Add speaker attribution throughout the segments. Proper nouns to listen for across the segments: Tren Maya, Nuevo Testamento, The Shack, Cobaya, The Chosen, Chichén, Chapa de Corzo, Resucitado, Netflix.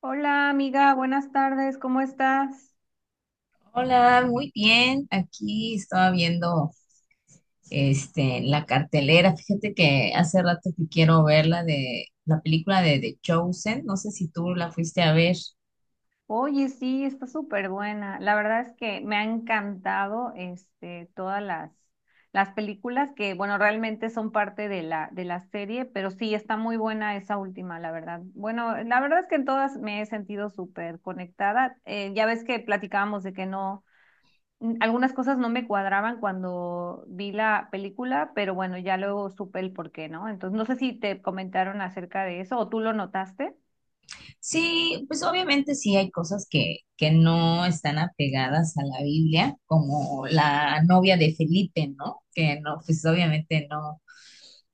Speaker 1: Hola amiga, buenas tardes, ¿cómo estás?
Speaker 2: Hola, muy bien. Aquí estaba viendo la cartelera. Fíjate que hace rato que quiero ver la de la película de The Chosen. No sé si tú la fuiste a ver.
Speaker 1: Oye, sí, está súper buena. La verdad es que me ha encantado todas las películas que, bueno, realmente son parte de la serie, pero sí, está muy buena esa última, la verdad. Bueno, la verdad es que en todas me he sentido súper conectada. Ya ves que platicábamos de que no, algunas cosas no me cuadraban cuando vi la película, pero bueno, ya luego supe el por qué, ¿no? Entonces, no sé si te comentaron acerca de eso o tú lo notaste.
Speaker 2: Sí, pues obviamente sí hay cosas que no están apegadas a la Biblia, como la novia de Felipe, ¿no? Que no, pues obviamente no.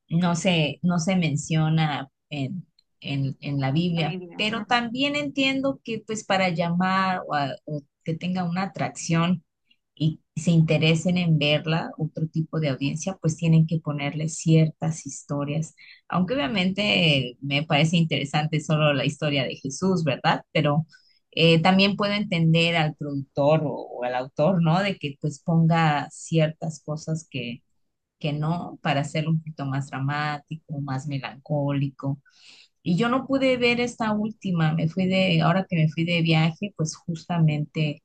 Speaker 2: No se menciona en la Biblia,
Speaker 1: Familia.
Speaker 2: pero
Speaker 1: Ujú.
Speaker 2: también entiendo que pues para llamar o, o que tenga una atracción y se interesen en verla, otro tipo de audiencia, pues tienen que ponerle ciertas historias, aunque obviamente me parece interesante solo la historia de Jesús, ¿verdad? También puedo entender al productor o al autor, ¿no? De que pues ponga ciertas cosas que no, para hacerlo un poquito más dramático, más melancólico. Y yo no pude ver esta última, ahora que me fui de viaje, pues justamente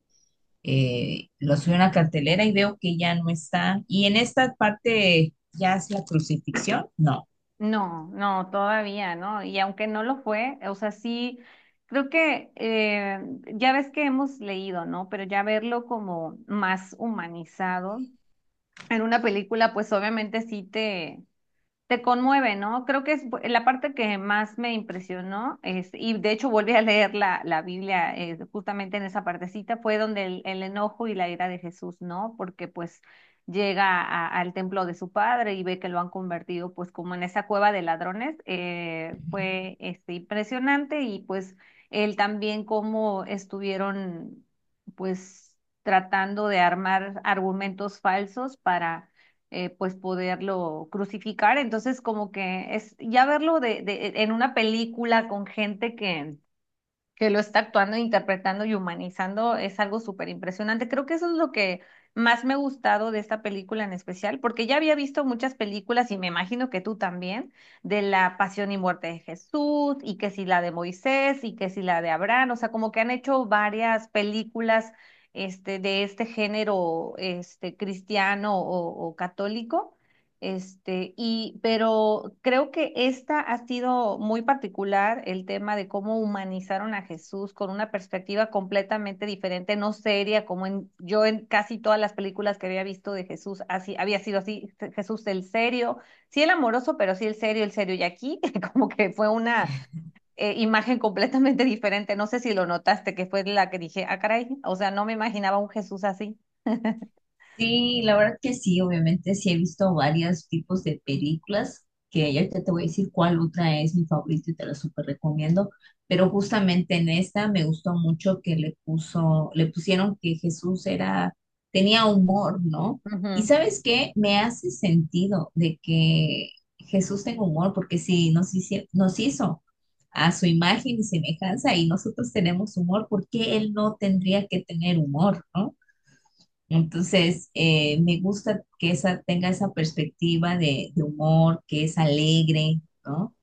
Speaker 2: lo subí a una cartelera y veo que ya no está. Y en esta parte, ¿ya es la crucifixión? No.
Speaker 1: No, no, todavía, ¿no? Y aunque no lo fue, o sea, sí, creo que ya ves que hemos leído, ¿no? Pero ya verlo como más humanizado en una película, pues obviamente sí te conmueve, ¿no? Creo que es la parte que más me impresionó, es, y de hecho volví a leer la Biblia justamente en esa partecita, fue donde el enojo y la ira de Jesús, ¿no? Porque pues llega al templo de su padre y ve que lo han convertido pues como en esa cueva de ladrones. Fue impresionante, y pues él también cómo estuvieron pues tratando de armar argumentos falsos para, pues poderlo crucificar. Entonces, como que es ya verlo en una película con gente que lo está actuando, interpretando y humanizando, es algo súper impresionante. Creo que eso es lo que más me ha gustado de esta película en especial, porque ya había visto muchas películas, y me imagino que tú también, de la pasión y muerte de Jesús, y que si la de Moisés, y que si la de Abraham. O sea, como que han hecho varias películas de este género cristiano o católico, y, pero creo que esta ha sido muy particular el tema de cómo humanizaron a Jesús con una perspectiva completamente diferente, no seria, como en, yo en casi todas las películas que había visto de Jesús, así, había sido así, Jesús el serio, sí el amoroso, pero sí el serio, el serio. Y aquí como que fue una, imagen completamente diferente, no sé si lo notaste, que fue la que dije, ah, caray, o sea, no me imaginaba un Jesús así.
Speaker 2: Sí, la verdad que sí, obviamente sí he visto varios tipos de películas, que ya ahorita te voy a decir cuál otra es mi favorita y te la súper recomiendo, pero justamente en esta me gustó mucho que le pusieron que Jesús tenía humor, ¿no? Y
Speaker 1: Ujú.
Speaker 2: ¿sabes qué? Me hace sentido de que Jesús tenga humor, porque si nos hici- nos hizo a su imagen y semejanza y nosotros tenemos humor, ¿por qué él no tendría que tener humor, ¿no? Entonces, me gusta que tenga esa perspectiva de humor, que es alegre, ¿no?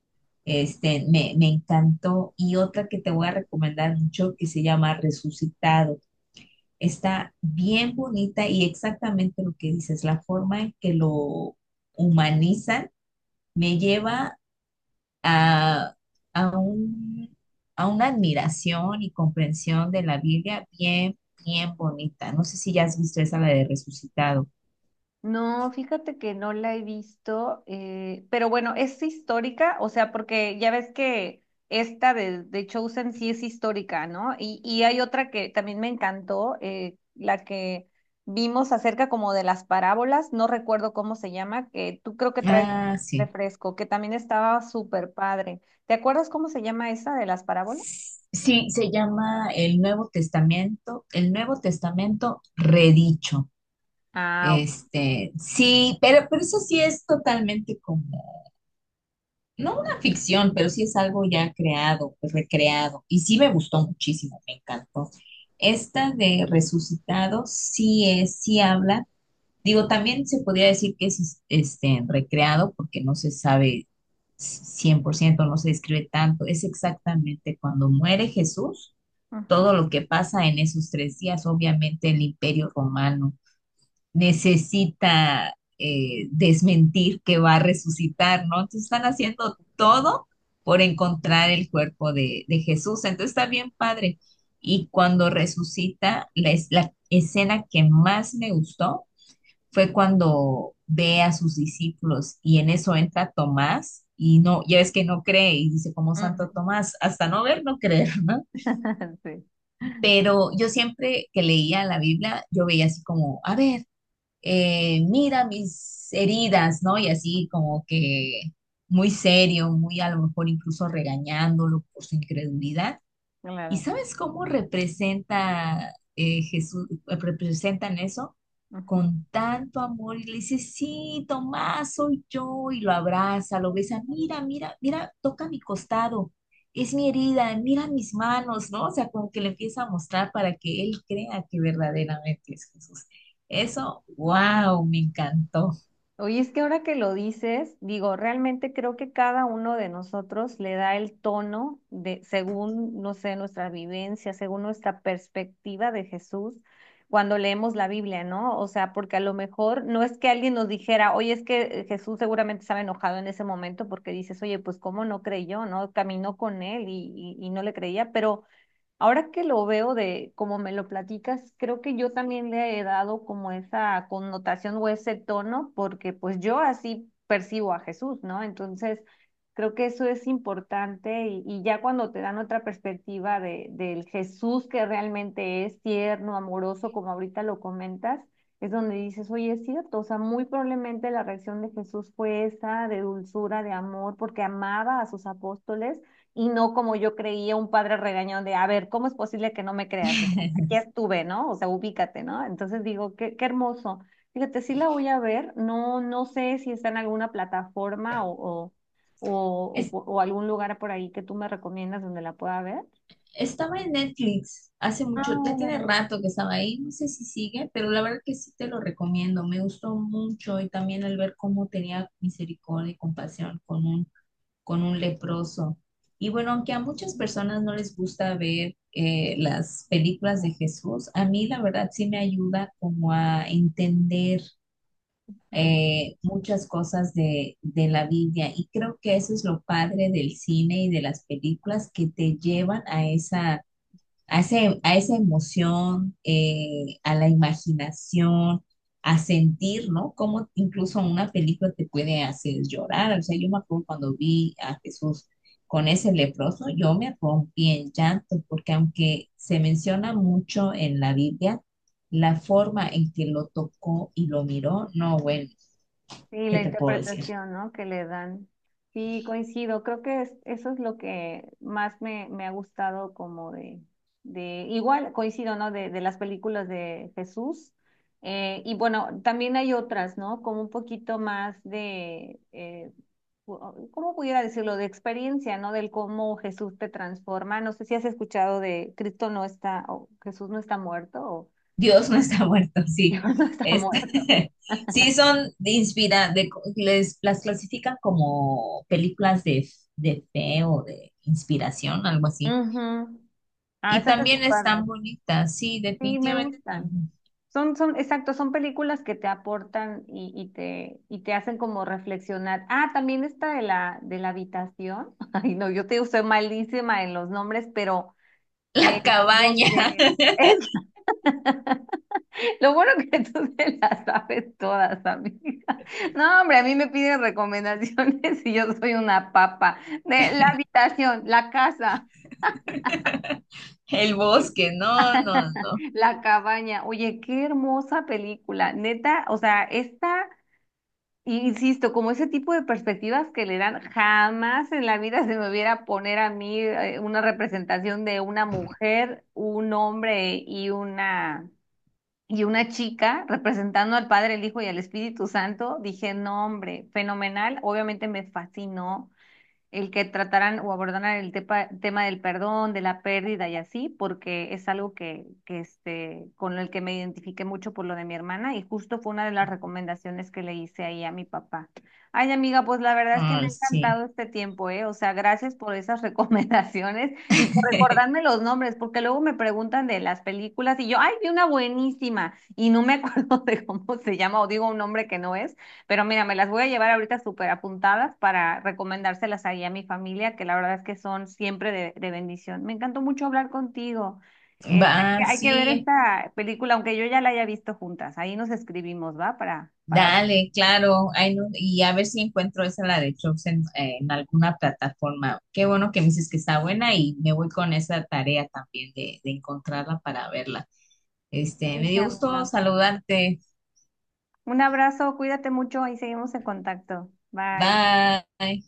Speaker 2: Me encantó. Y otra que te voy a recomendar mucho que se llama Resucitado. Está bien bonita y exactamente lo que dices, la forma en que lo humanizan me lleva a, a un, a una admiración y comprensión de la Biblia bien, bien bonita. No sé si ya has visto esa, la de Resucitado.
Speaker 1: No, fíjate que no la he visto, pero bueno, es histórica, o sea, porque ya ves que esta de Chosen sí es histórica, ¿no? Y hay otra que también me encantó, la que vimos acerca como de las parábolas, no recuerdo cómo se llama, que tú creo que traes
Speaker 2: Ah, sí.
Speaker 1: refresco, que también estaba súper padre. ¿Te acuerdas cómo se llama esa de las parábolas?
Speaker 2: Sí, se llama el Nuevo Testamento redicho.
Speaker 1: Ah, ok.
Speaker 2: Sí, pero eso sí es totalmente como, no una ficción, pero sí es algo ya creado, pues, recreado. Y sí me gustó muchísimo, me encantó. Esta de Resucitado sí es, sí habla. Digo, también se podría decir que es recreado porque no se sabe cien por ciento, no se describe tanto, es exactamente cuando muere Jesús, todo
Speaker 1: Ujú,
Speaker 2: lo que pasa en esos tres días. Obviamente el imperio romano necesita desmentir que va a resucitar, ¿no? Entonces están haciendo todo por encontrar el cuerpo de Jesús, entonces está bien padre. Y cuando resucita, la escena que más me gustó fue cuando ve a sus discípulos y en eso entra Tomás y no, ya ves que no cree y dice como
Speaker 1: ujú.
Speaker 2: Santo Tomás, hasta no ver, no creer, ¿no?
Speaker 1: Sí.
Speaker 2: Pero yo siempre que leía la Biblia, yo veía así como, a ver, mira mis heridas, ¿no? Y
Speaker 1: Ujú.
Speaker 2: así como que muy serio, muy a lo mejor incluso regañándolo por su incredulidad. ¿Y
Speaker 1: Claro.
Speaker 2: sabes cómo representa Jesús, representan eso?
Speaker 1: Ujú.
Speaker 2: Con tanto amor y le dice, sí, Tomás, soy yo, y lo abraza, lo besa, mira, mira, mira, toca mi costado, es mi herida, mira mis manos, ¿no? O sea, como que le empieza a mostrar para que él crea que verdaderamente es Jesús. Eso, wow, me encantó.
Speaker 1: Oye, es que ahora que lo dices, digo, realmente creo que cada uno de nosotros le da el tono de, según, no sé, nuestra vivencia, según nuestra perspectiva de Jesús, cuando leemos la Biblia, ¿no? O sea, porque a lo mejor no es que alguien nos dijera, oye, es que Jesús seguramente estaba enojado en ese momento porque dices, oye, pues cómo no creyó, ¿no? Caminó con él y no le creía, pero... ahora que lo veo de como me lo platicas, creo que yo también le he dado como esa connotación o ese tono, porque pues yo así percibo a Jesús, ¿no? Entonces, creo que eso es importante y ya cuando te dan otra perspectiva del Jesús que realmente es tierno, amoroso, como ahorita lo comentas, es donde dices, oye, es cierto, o sea, muy probablemente la reacción de Jesús fue esa, de dulzura, de amor, porque amaba a sus apóstoles, y no como yo creía, un padre regañón de, a ver, ¿cómo es posible que no me creas? Aquí estuve, ¿no? O sea, ubícate, ¿no? Entonces digo, qué, qué hermoso. Fíjate, sí la voy a ver, no, no sé si está en alguna plataforma o algún lugar por ahí que tú me recomiendas donde la pueda ver.
Speaker 2: Estaba en Netflix hace
Speaker 1: Ah,
Speaker 2: mucho, ya tiene
Speaker 1: órale.
Speaker 2: rato que estaba ahí, no sé si sigue, pero la verdad que sí te lo recomiendo, me gustó mucho y también al ver cómo tenía misericordia y compasión con un leproso. Y bueno, aunque a muchas personas no les gusta ver las películas de Jesús, a mí la verdad sí me ayuda como a entender muchas cosas de la Biblia y creo que eso es lo padre del cine y de las películas que te llevan a esa a, a esa emoción, a la imaginación, a sentir, ¿no? Cómo incluso una película te puede hacer llorar. O sea, yo me acuerdo cuando vi a Jesús con ese leproso, yo me rompí en llanto, porque aunque se menciona mucho en la Biblia, la forma en que lo tocó y lo miró, no, bueno,
Speaker 1: Sí,
Speaker 2: ¿qué
Speaker 1: la
Speaker 2: te puedo decir?
Speaker 1: interpretación, ¿no? Que le dan. Sí, coincido. Creo que es- eso es lo que más me ha gustado como igual coincido, ¿no? De las películas de Jesús. Y bueno, también hay otras, ¿no? Como un poquito más de, pu- ¿cómo pudiera decirlo? De experiencia, ¿no? Del cómo Jesús te transforma. No sé si has escuchado de Cristo no está, o Jesús no está muerto, o
Speaker 2: Dios no está muerto,
Speaker 1: Dios
Speaker 2: sí.
Speaker 1: no está
Speaker 2: Este,
Speaker 1: muerto.
Speaker 2: sí, son de inspira, de, les, las clasifican como películas de fe o de inspiración, algo así.
Speaker 1: Ujú. Ah,
Speaker 2: Y
Speaker 1: esas están
Speaker 2: también están
Speaker 1: padres.
Speaker 2: bonitas, sí,
Speaker 1: Sí, me
Speaker 2: definitivamente
Speaker 1: gustan.
Speaker 2: también.
Speaker 1: Son, son, exacto, son películas que te aportan y te hacen como reflexionar. Ah, también esta de la habitación. Ay, no, yo te digo, soy malísima en los nombres, pero eh,
Speaker 2: La cabaña,
Speaker 1: donde es lo bueno que tú te las sabes todas, amiga. No, hombre, a mí me piden recomendaciones y yo soy una papa. De la habitación, la casa.
Speaker 2: el bosque, no, no, no.
Speaker 1: La cabaña, oye, qué hermosa película, neta, o sea, esta. Y insisto, como ese tipo de perspectivas que le dan, jamás en la vida se me hubiera poner a mí una representación de una mujer, un hombre y una chica representando al Padre, el Hijo y al Espíritu Santo. Dije, no, hombre, fenomenal. Obviamente me fascinó el que trataran o abordaran el tema del perdón, de la pérdida y así, porque es algo que con el que me identifiqué mucho por lo de mi hermana, y justo fue una de las recomendaciones que le hice ahí a mi papá. Ay, amiga, pues la verdad es que me
Speaker 2: Ah,
Speaker 1: ha
Speaker 2: sí.
Speaker 1: encantado este tiempo, ¿eh? O sea, gracias por esas recomendaciones y por recordarme los nombres, porque luego me preguntan de las películas y yo, ay, vi una buenísima y no me acuerdo de cómo se llama o digo un nombre que no es. Pero mira, me las voy a llevar ahorita súper apuntadas para recomendárselas ahí a mi familia, que la verdad es que son siempre de bendición. Me encantó mucho hablar contigo.
Speaker 2: Va,
Speaker 1: Hay que hay que ver
Speaker 2: sí,
Speaker 1: esta película, aunque yo ya la haya visto, juntas. Ahí nos escribimos, ¿va? Para ver.
Speaker 2: dale, claro, ay, no, y a ver si encuentro esa, la de Chops en alguna plataforma. Qué bueno que me dices que está buena y me voy con esa tarea también de encontrarla para verla. Me
Speaker 1: Sí,
Speaker 2: dio gusto
Speaker 1: amiga.
Speaker 2: saludarte.
Speaker 1: Un abrazo, cuídate mucho y seguimos en contacto. Bye.
Speaker 2: Bye.